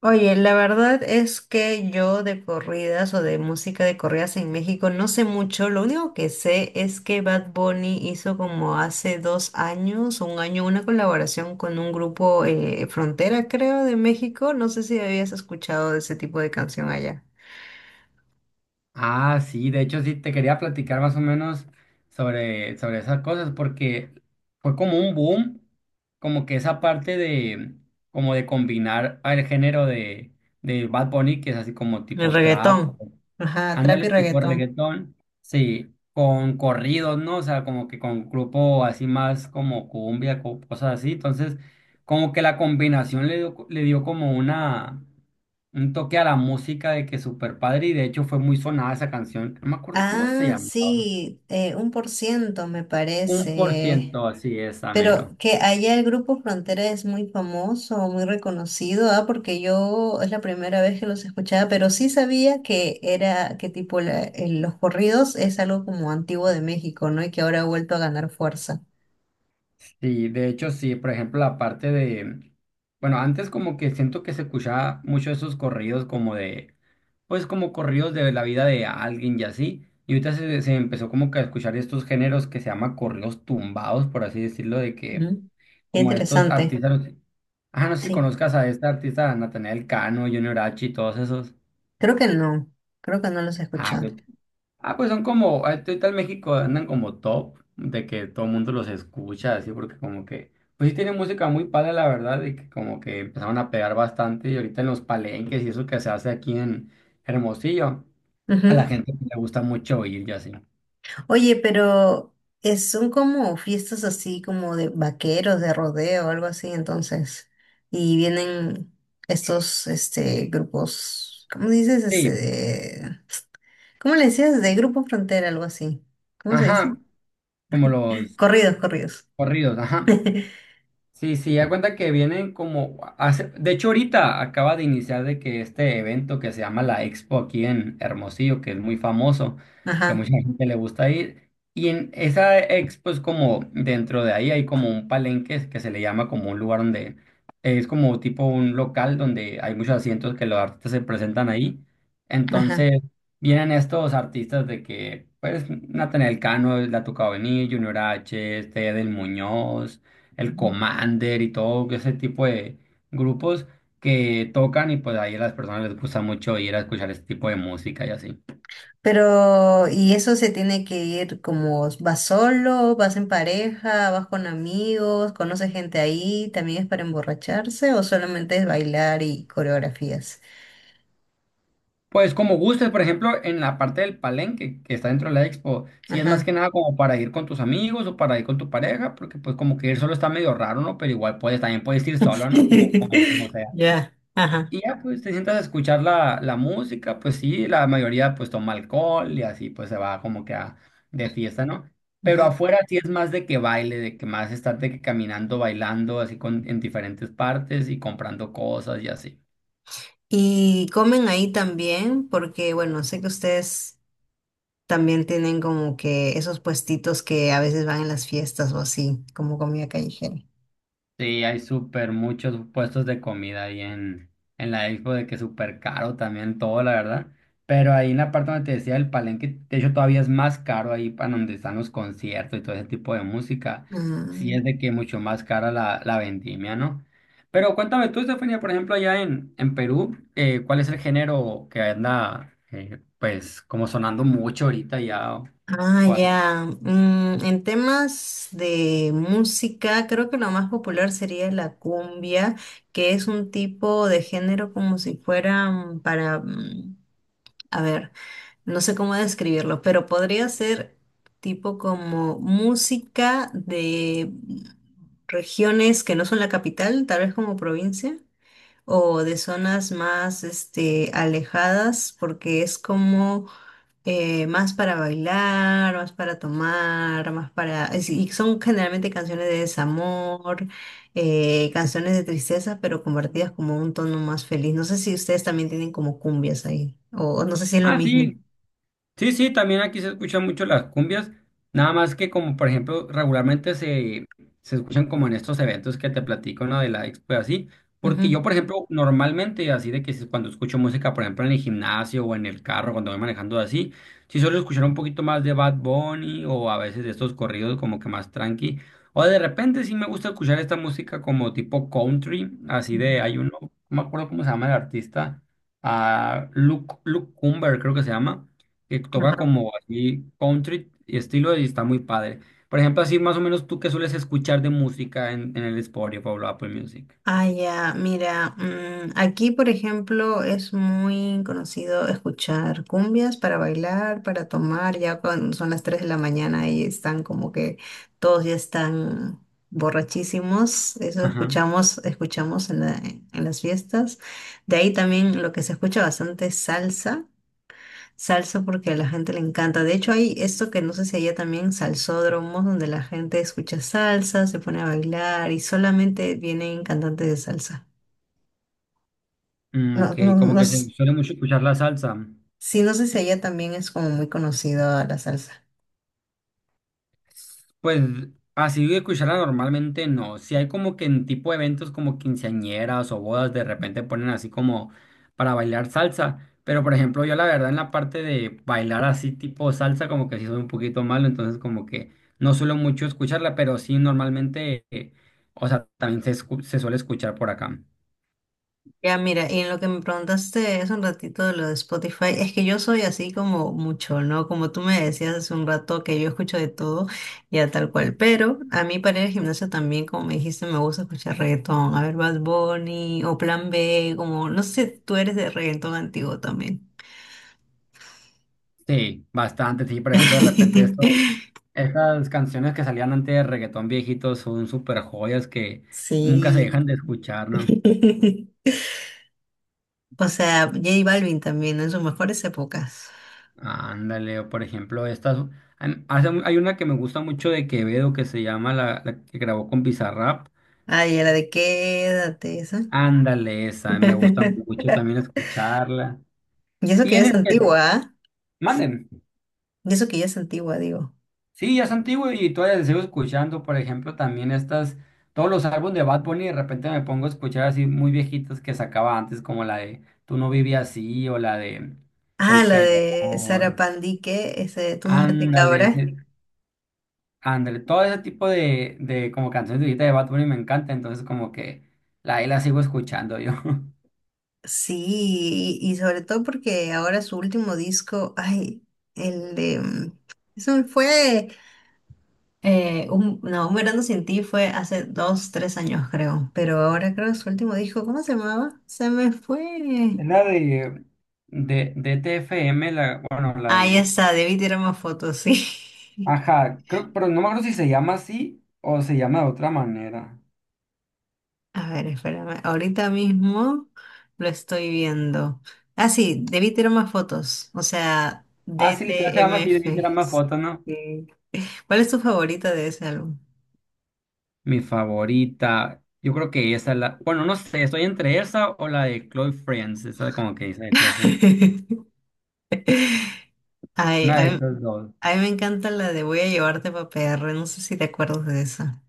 Oye, la verdad es que yo de corridas o de música de corridas en México no sé mucho. Lo único que sé es que Bad Bunny hizo como hace 2 años, un año, una colaboración con un grupo Frontera, creo, de México. No sé si habías escuchado de ese tipo de canción allá. Ah, sí, de hecho sí te quería platicar más o menos sobre esas cosas porque fue como un boom, como que esa parte de como de combinar el género de Bad Bunny, que es así como El tipo trap. reggaetón. Ajá, trap y Ándale, tipo reggaetón. reggaetón, sí, con corridos, ¿no? O sea, como que con grupo así más como cumbia, cosas así. Entonces, como que la combinación le dio como una, un toque a la música de que super padre y de hecho fue muy sonada esa canción. No me acuerdo cómo se Ah, llamaba. sí, un por ciento me Un por parece. ciento, así es, Pero amero. que allá el grupo Frontera es muy famoso, muy reconocido, ah, porque yo es la primera vez que los escuchaba, pero sí sabía que era, que tipo los corridos es algo como antiguo de México, ¿no? Y que ahora ha vuelto a ganar fuerza. Sí, de hecho sí, por ejemplo, la parte de, bueno, antes como que siento que se escuchaba mucho esos corridos como de, pues como corridos de la vida de alguien y así, y ahorita se empezó como que a escuchar estos géneros que se llama corridos tumbados, por así decirlo, de que Ujú. Qué como estos interesante. artistas, ah, no sé si Sí, conozcas a este artista, Natanael Cano, Junior H y todos esos. creo que no, creo que no los he Ah, ok. escuchado. Ah, pues son como, ahorita en México andan como top, de que todo el mundo los escucha, así, porque como que, pues sí tienen música muy padre, la verdad, y que como que empezaron a pegar bastante, y ahorita en los palenques y eso que se hace aquí en Hermosillo, a la Ujú. gente le gusta mucho oír y así. Oye, pero son como fiestas así como de vaqueros, de rodeo, algo así, entonces. Y vienen estos grupos, ¿cómo dices? Este Sí, de- ¿cómo le decías? De grupo frontera, algo así. ¿Cómo se dice? ajá, como los Corridos, corridos. corridos, ajá. Sí, sí, ya cuenta que vienen de hecho ahorita acaba de iniciar de que este evento que se llama la Expo aquí en Hermosillo, que es muy famoso, que a Ajá, mucha gente le gusta ir, y en esa Expo es como dentro de ahí hay como un palenque que se le llama como un lugar donde es como tipo un local donde hay muchos asientos que los artistas se presentan ahí. ajá. Entonces vienen estos artistas de que pues Natanael Cano le ha tocado venir, Junior H, este Edel Muñoz el Ujú. Commander y todo ese tipo de grupos que tocan y pues ahí a las personas les gusta mucho ir a escuchar este tipo de música y así. Pero, ¿y eso se tiene que ir como vas solo, vas en pareja, vas con amigos, conoces gente ahí, también es para emborracharse o solamente es bailar y coreografías? Pues como gustes, por ejemplo, en la parte del palenque que está dentro de la expo, si es más Ajá. que nada como para ir con tus amigos o para ir con tu pareja, porque pues como que ir solo está medio raro, ¿no? Pero igual puedes, también puedes ir solo, ¿no? Como sea. Ya, ajá. Y ya pues te sientas a escuchar la música, pues sí, la mayoría pues toma alcohol y así pues se va como que de fiesta, ¿no? Pero Ujú. afuera sí es más de que baile, de que más estar de que caminando, bailando, así con, en diferentes partes y comprando cosas y así. Y comen ahí también, porque bueno, sé que ustedes también tienen como que esos puestitos que a veces van en las fiestas o así, como comida callejera. Sí, hay súper muchos puestos de comida ahí en la expo, de que súper caro también todo, la verdad. Pero ahí en la parte donde te decía el palenque, de hecho todavía es más caro ahí para donde están los conciertos y todo ese tipo de música. Sí es de Ah, que mucho más cara la vendimia, ¿no? Pero cuéntame tú, Estefanía, por ejemplo, allá en Perú, ¿cuál es el género que anda, pues, como sonando mucho ahorita ya ah, o así? ya. En temas de música, creo que lo más popular sería la cumbia, que es un tipo de género como si fuera para, a ver. No sé cómo describirlo, pero podría ser tipo como música de regiones que no son la capital, tal vez como provincia, o de zonas más este, alejadas, porque es como más para bailar, más para tomar, más Y son generalmente canciones de desamor, canciones de tristeza, pero convertidas como un tono más feliz. No sé si ustedes también tienen como cumbias ahí, o no sé si es lo Ah, mismo. sí. Sí, sí, también aquí se escuchan mucho las cumbias, nada más que como por ejemplo regularmente se escuchan como en estos eventos que te platico, ¿no? De la expo y así, porque yo Ujú. por ejemplo normalmente así de que cuando escucho música por ejemplo en el gimnasio o en el carro cuando voy manejando así, sí suelo escuchar un poquito más de Bad Bunny o a veces de estos corridos como que más tranqui, o de repente sí me gusta escuchar esta música como tipo country, así de Ujú. hay uno, no me acuerdo cómo se llama el artista, ah, Luke, Luke Cumber creo que se llama, que toca Ajá. como así country y estilo y está muy padre. Por ejemplo, así más o menos tú qué sueles escuchar de música en el Spotify o Apple Music. Ah, ya, mira, aquí por ejemplo es muy conocido escuchar cumbias para bailar, para tomar, ya cuando son las 3 de la mañana y están como que todos ya están borrachísimos, eso Ajá. escuchamos, escuchamos en en las fiestas. De ahí también lo que se escucha bastante es salsa. Salsa porque a la gente le encanta. De hecho, hay esto que no sé si allá también, salsódromos, donde la gente escucha salsa, se pone a bailar y solamente vienen cantantes de salsa. Mm, No, ok, no, como no, que se suele mucho escuchar la salsa. sí, no sé si allá también es como muy conocido la salsa. Pues así de cuchara normalmente no. Si hay como que en tipo de eventos como quinceañeras o bodas, de repente ponen así como para bailar salsa. Pero por ejemplo, yo la verdad en la parte de bailar así tipo salsa, como que sí soy un poquito malo, entonces como que no suelo mucho escucharla, pero sí normalmente, o sea, también se, se suele escuchar por acá. Ya, mira, y en lo que me preguntaste hace un ratito de lo de Spotify, es que yo soy así como mucho, ¿no? Como tú me decías hace un rato que yo escucho de todo, ya tal cual. Pero a mí para ir al gimnasio también, como me dijiste, me gusta escuchar reggaetón. A ver, Bad Bunny o Plan B, como, no sé, tú eres de reggaetón antiguo también. Sí, bastante. Sí, por ejemplo, de repente esto, estas canciones que salían antes de reggaetón viejitos son súper joyas que nunca se Sí. dejan de escuchar, ¿no? O sea, J Balvin también, ¿no? En sus mejores épocas. Ándale, o por ejemplo, estas, hay una que me gusta mucho de Quevedo que se llama la que grabó con Bizarrap. Ay, y la de quédate, esa. Ándale, esa, me gusta mucho también escucharla. Y eso Y que ya en es el antigua, ¿ah? manden, Y eso que ya es antigua, digo. sí, ya es antiguo y todavía la sigo escuchando, por ejemplo, también estas, todos los álbumes de Bad Bunny, de repente me pongo a escuchar así muy viejitas que sacaba antes, como la de Tú no vivías así o la de Soy Ah, la de Sara peor. Pandique, ese Tú no me Ándale, cabra. sí, ándale, todo ese tipo de como canciones de ahorita de Bad Bunny me encanta, entonces como que la, ahí la sigo escuchando yo. Sí, y sobre todo porque ahora su último disco, ay, el de... Eso fue, un, no, Un verano sin ti fue hace dos, tres años creo, pero ahora creo que su último disco, ¿cómo se llamaba? Se me fue. Es la de... De TFM, la, bueno, la Ahí de... está, debí tirar más fotos, sí. Ajá, creo, pero no me acuerdo si se llama así o se llama de otra manera. A ver, espérame. Ahorita mismo lo estoy viendo. Ah, sí, debí tener más fotos. O sea, Ah, sí, literal se llama así, de que DTMF. era más fotos, ¿no? Sí. ¿Cuál es tu favorita de ese álbum? Mi favorita, yo creo que esa es la... Bueno, no sé, estoy entre esa o la de Chloe Friends, esa como que dice de Chloe Friends. Ay, Una de estas dos. a mí me encanta la de Voy a llevarte pa' P. R. No sé si te acuerdas de esa.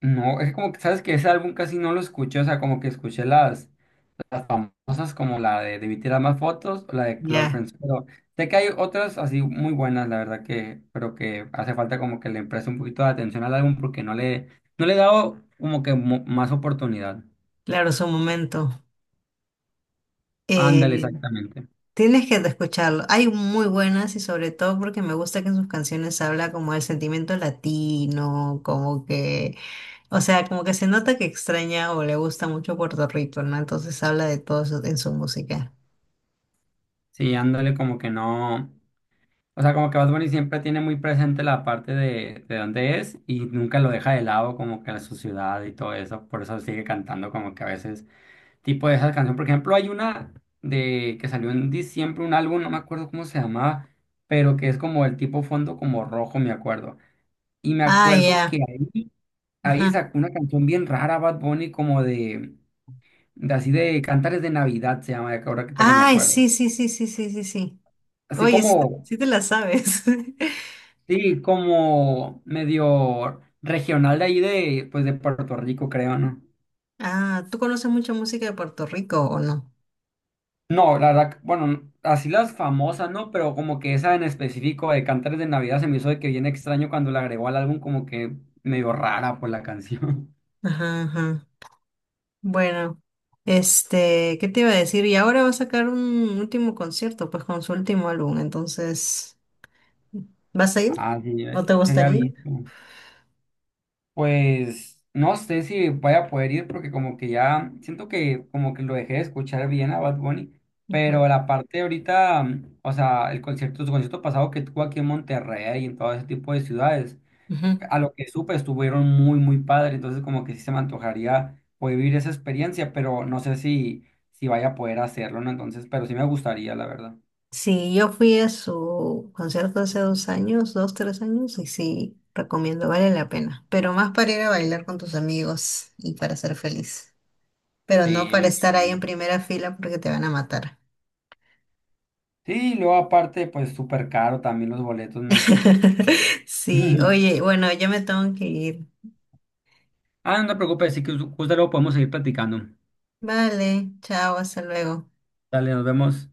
No, es como que sabes que ese álbum casi no lo escuché, o sea, como que escuché las famosas como la de Debí tirar más fotos o la de Close Ya, Friends, pero sé que hay otras así muy buenas, la verdad que, pero que hace falta como que le preste un poquito de atención al álbum porque no le, no le he dado como que más oportunidad. claro, su momento. Ándale, Eh, exactamente. tienes que escucharlo. Hay muy buenas y sobre todo porque me gusta que en sus canciones habla como del sentimiento latino, como que o sea, como que se nota que extraña o le gusta mucho Puerto Rico, ¿no? Entonces habla de todo eso en su música. Sí, ándale como que no, o sea, como que Bad Bunny siempre tiene muy presente la parte de dónde es y nunca lo deja de lado como que la su ciudad y todo eso, por eso sigue cantando como que a veces tipo de esa canción. Por ejemplo, hay una de que salió en diciembre, un álbum, no me acuerdo cómo se llamaba, pero que es como el tipo fondo como rojo, me acuerdo. Y me Ah, acuerdo ya. que ahí Ajá. sacó una canción bien rara, Bad Bunny, de así de Cantares de Navidad se llama, que ahora que me Ay, acuerdo. sí, sí, sí, sí, sí, sí, sí. Así Oye, sí, como, sí te la sabes. sí, como medio regional de ahí de, pues de Puerto Rico, creo, ¿no? Ah, ¿tú conoces mucha música de Puerto Rico o no? No, la verdad, bueno, así las famosas, ¿no? Pero como que esa en específico de Cantares de Navidad se me hizo de que bien extraño cuando la agregó al álbum, como que medio rara por la canción. Ajá, ajá. Bueno, este, ¿qué te iba a decir? Y ahora va a sacar un último concierto, pues con su último álbum, entonces, ¿vas a ir? Ah, sí, ¿No te se había gustaría? visto. Pues no sé si vaya a poder ir porque como que ya siento que como que lo dejé de escuchar bien a Bad Bunny, Ujú, pero la parte de ahorita, mm, o sea, el concierto, su concierto pasado que tuvo aquí en Monterrey y en todo ese tipo de ciudades. ujú. A lo que supe, estuvieron muy, muy padre. Entonces, como que sí se me antojaría poder vivir esa experiencia, pero no sé si, si vaya a poder hacerlo, ¿no? Entonces, pero sí me gustaría, la verdad. Sí, yo fui a su concierto hace 2 años, dos, 3 años, y sí, recomiendo, vale la pena. Pero más para ir a bailar con tus amigos y para ser feliz. Pero Sí, no me para estar ahí en imagino. primera fila porque te van a matar. Sí, y luego aparte, pues súper caro también los boletos, ¿no? Sí, oye, bueno, yo me tengo que ir. Ah, no te preocupes, sí que justo luego podemos seguir platicando. Vale, chao, hasta luego. Dale, nos vemos.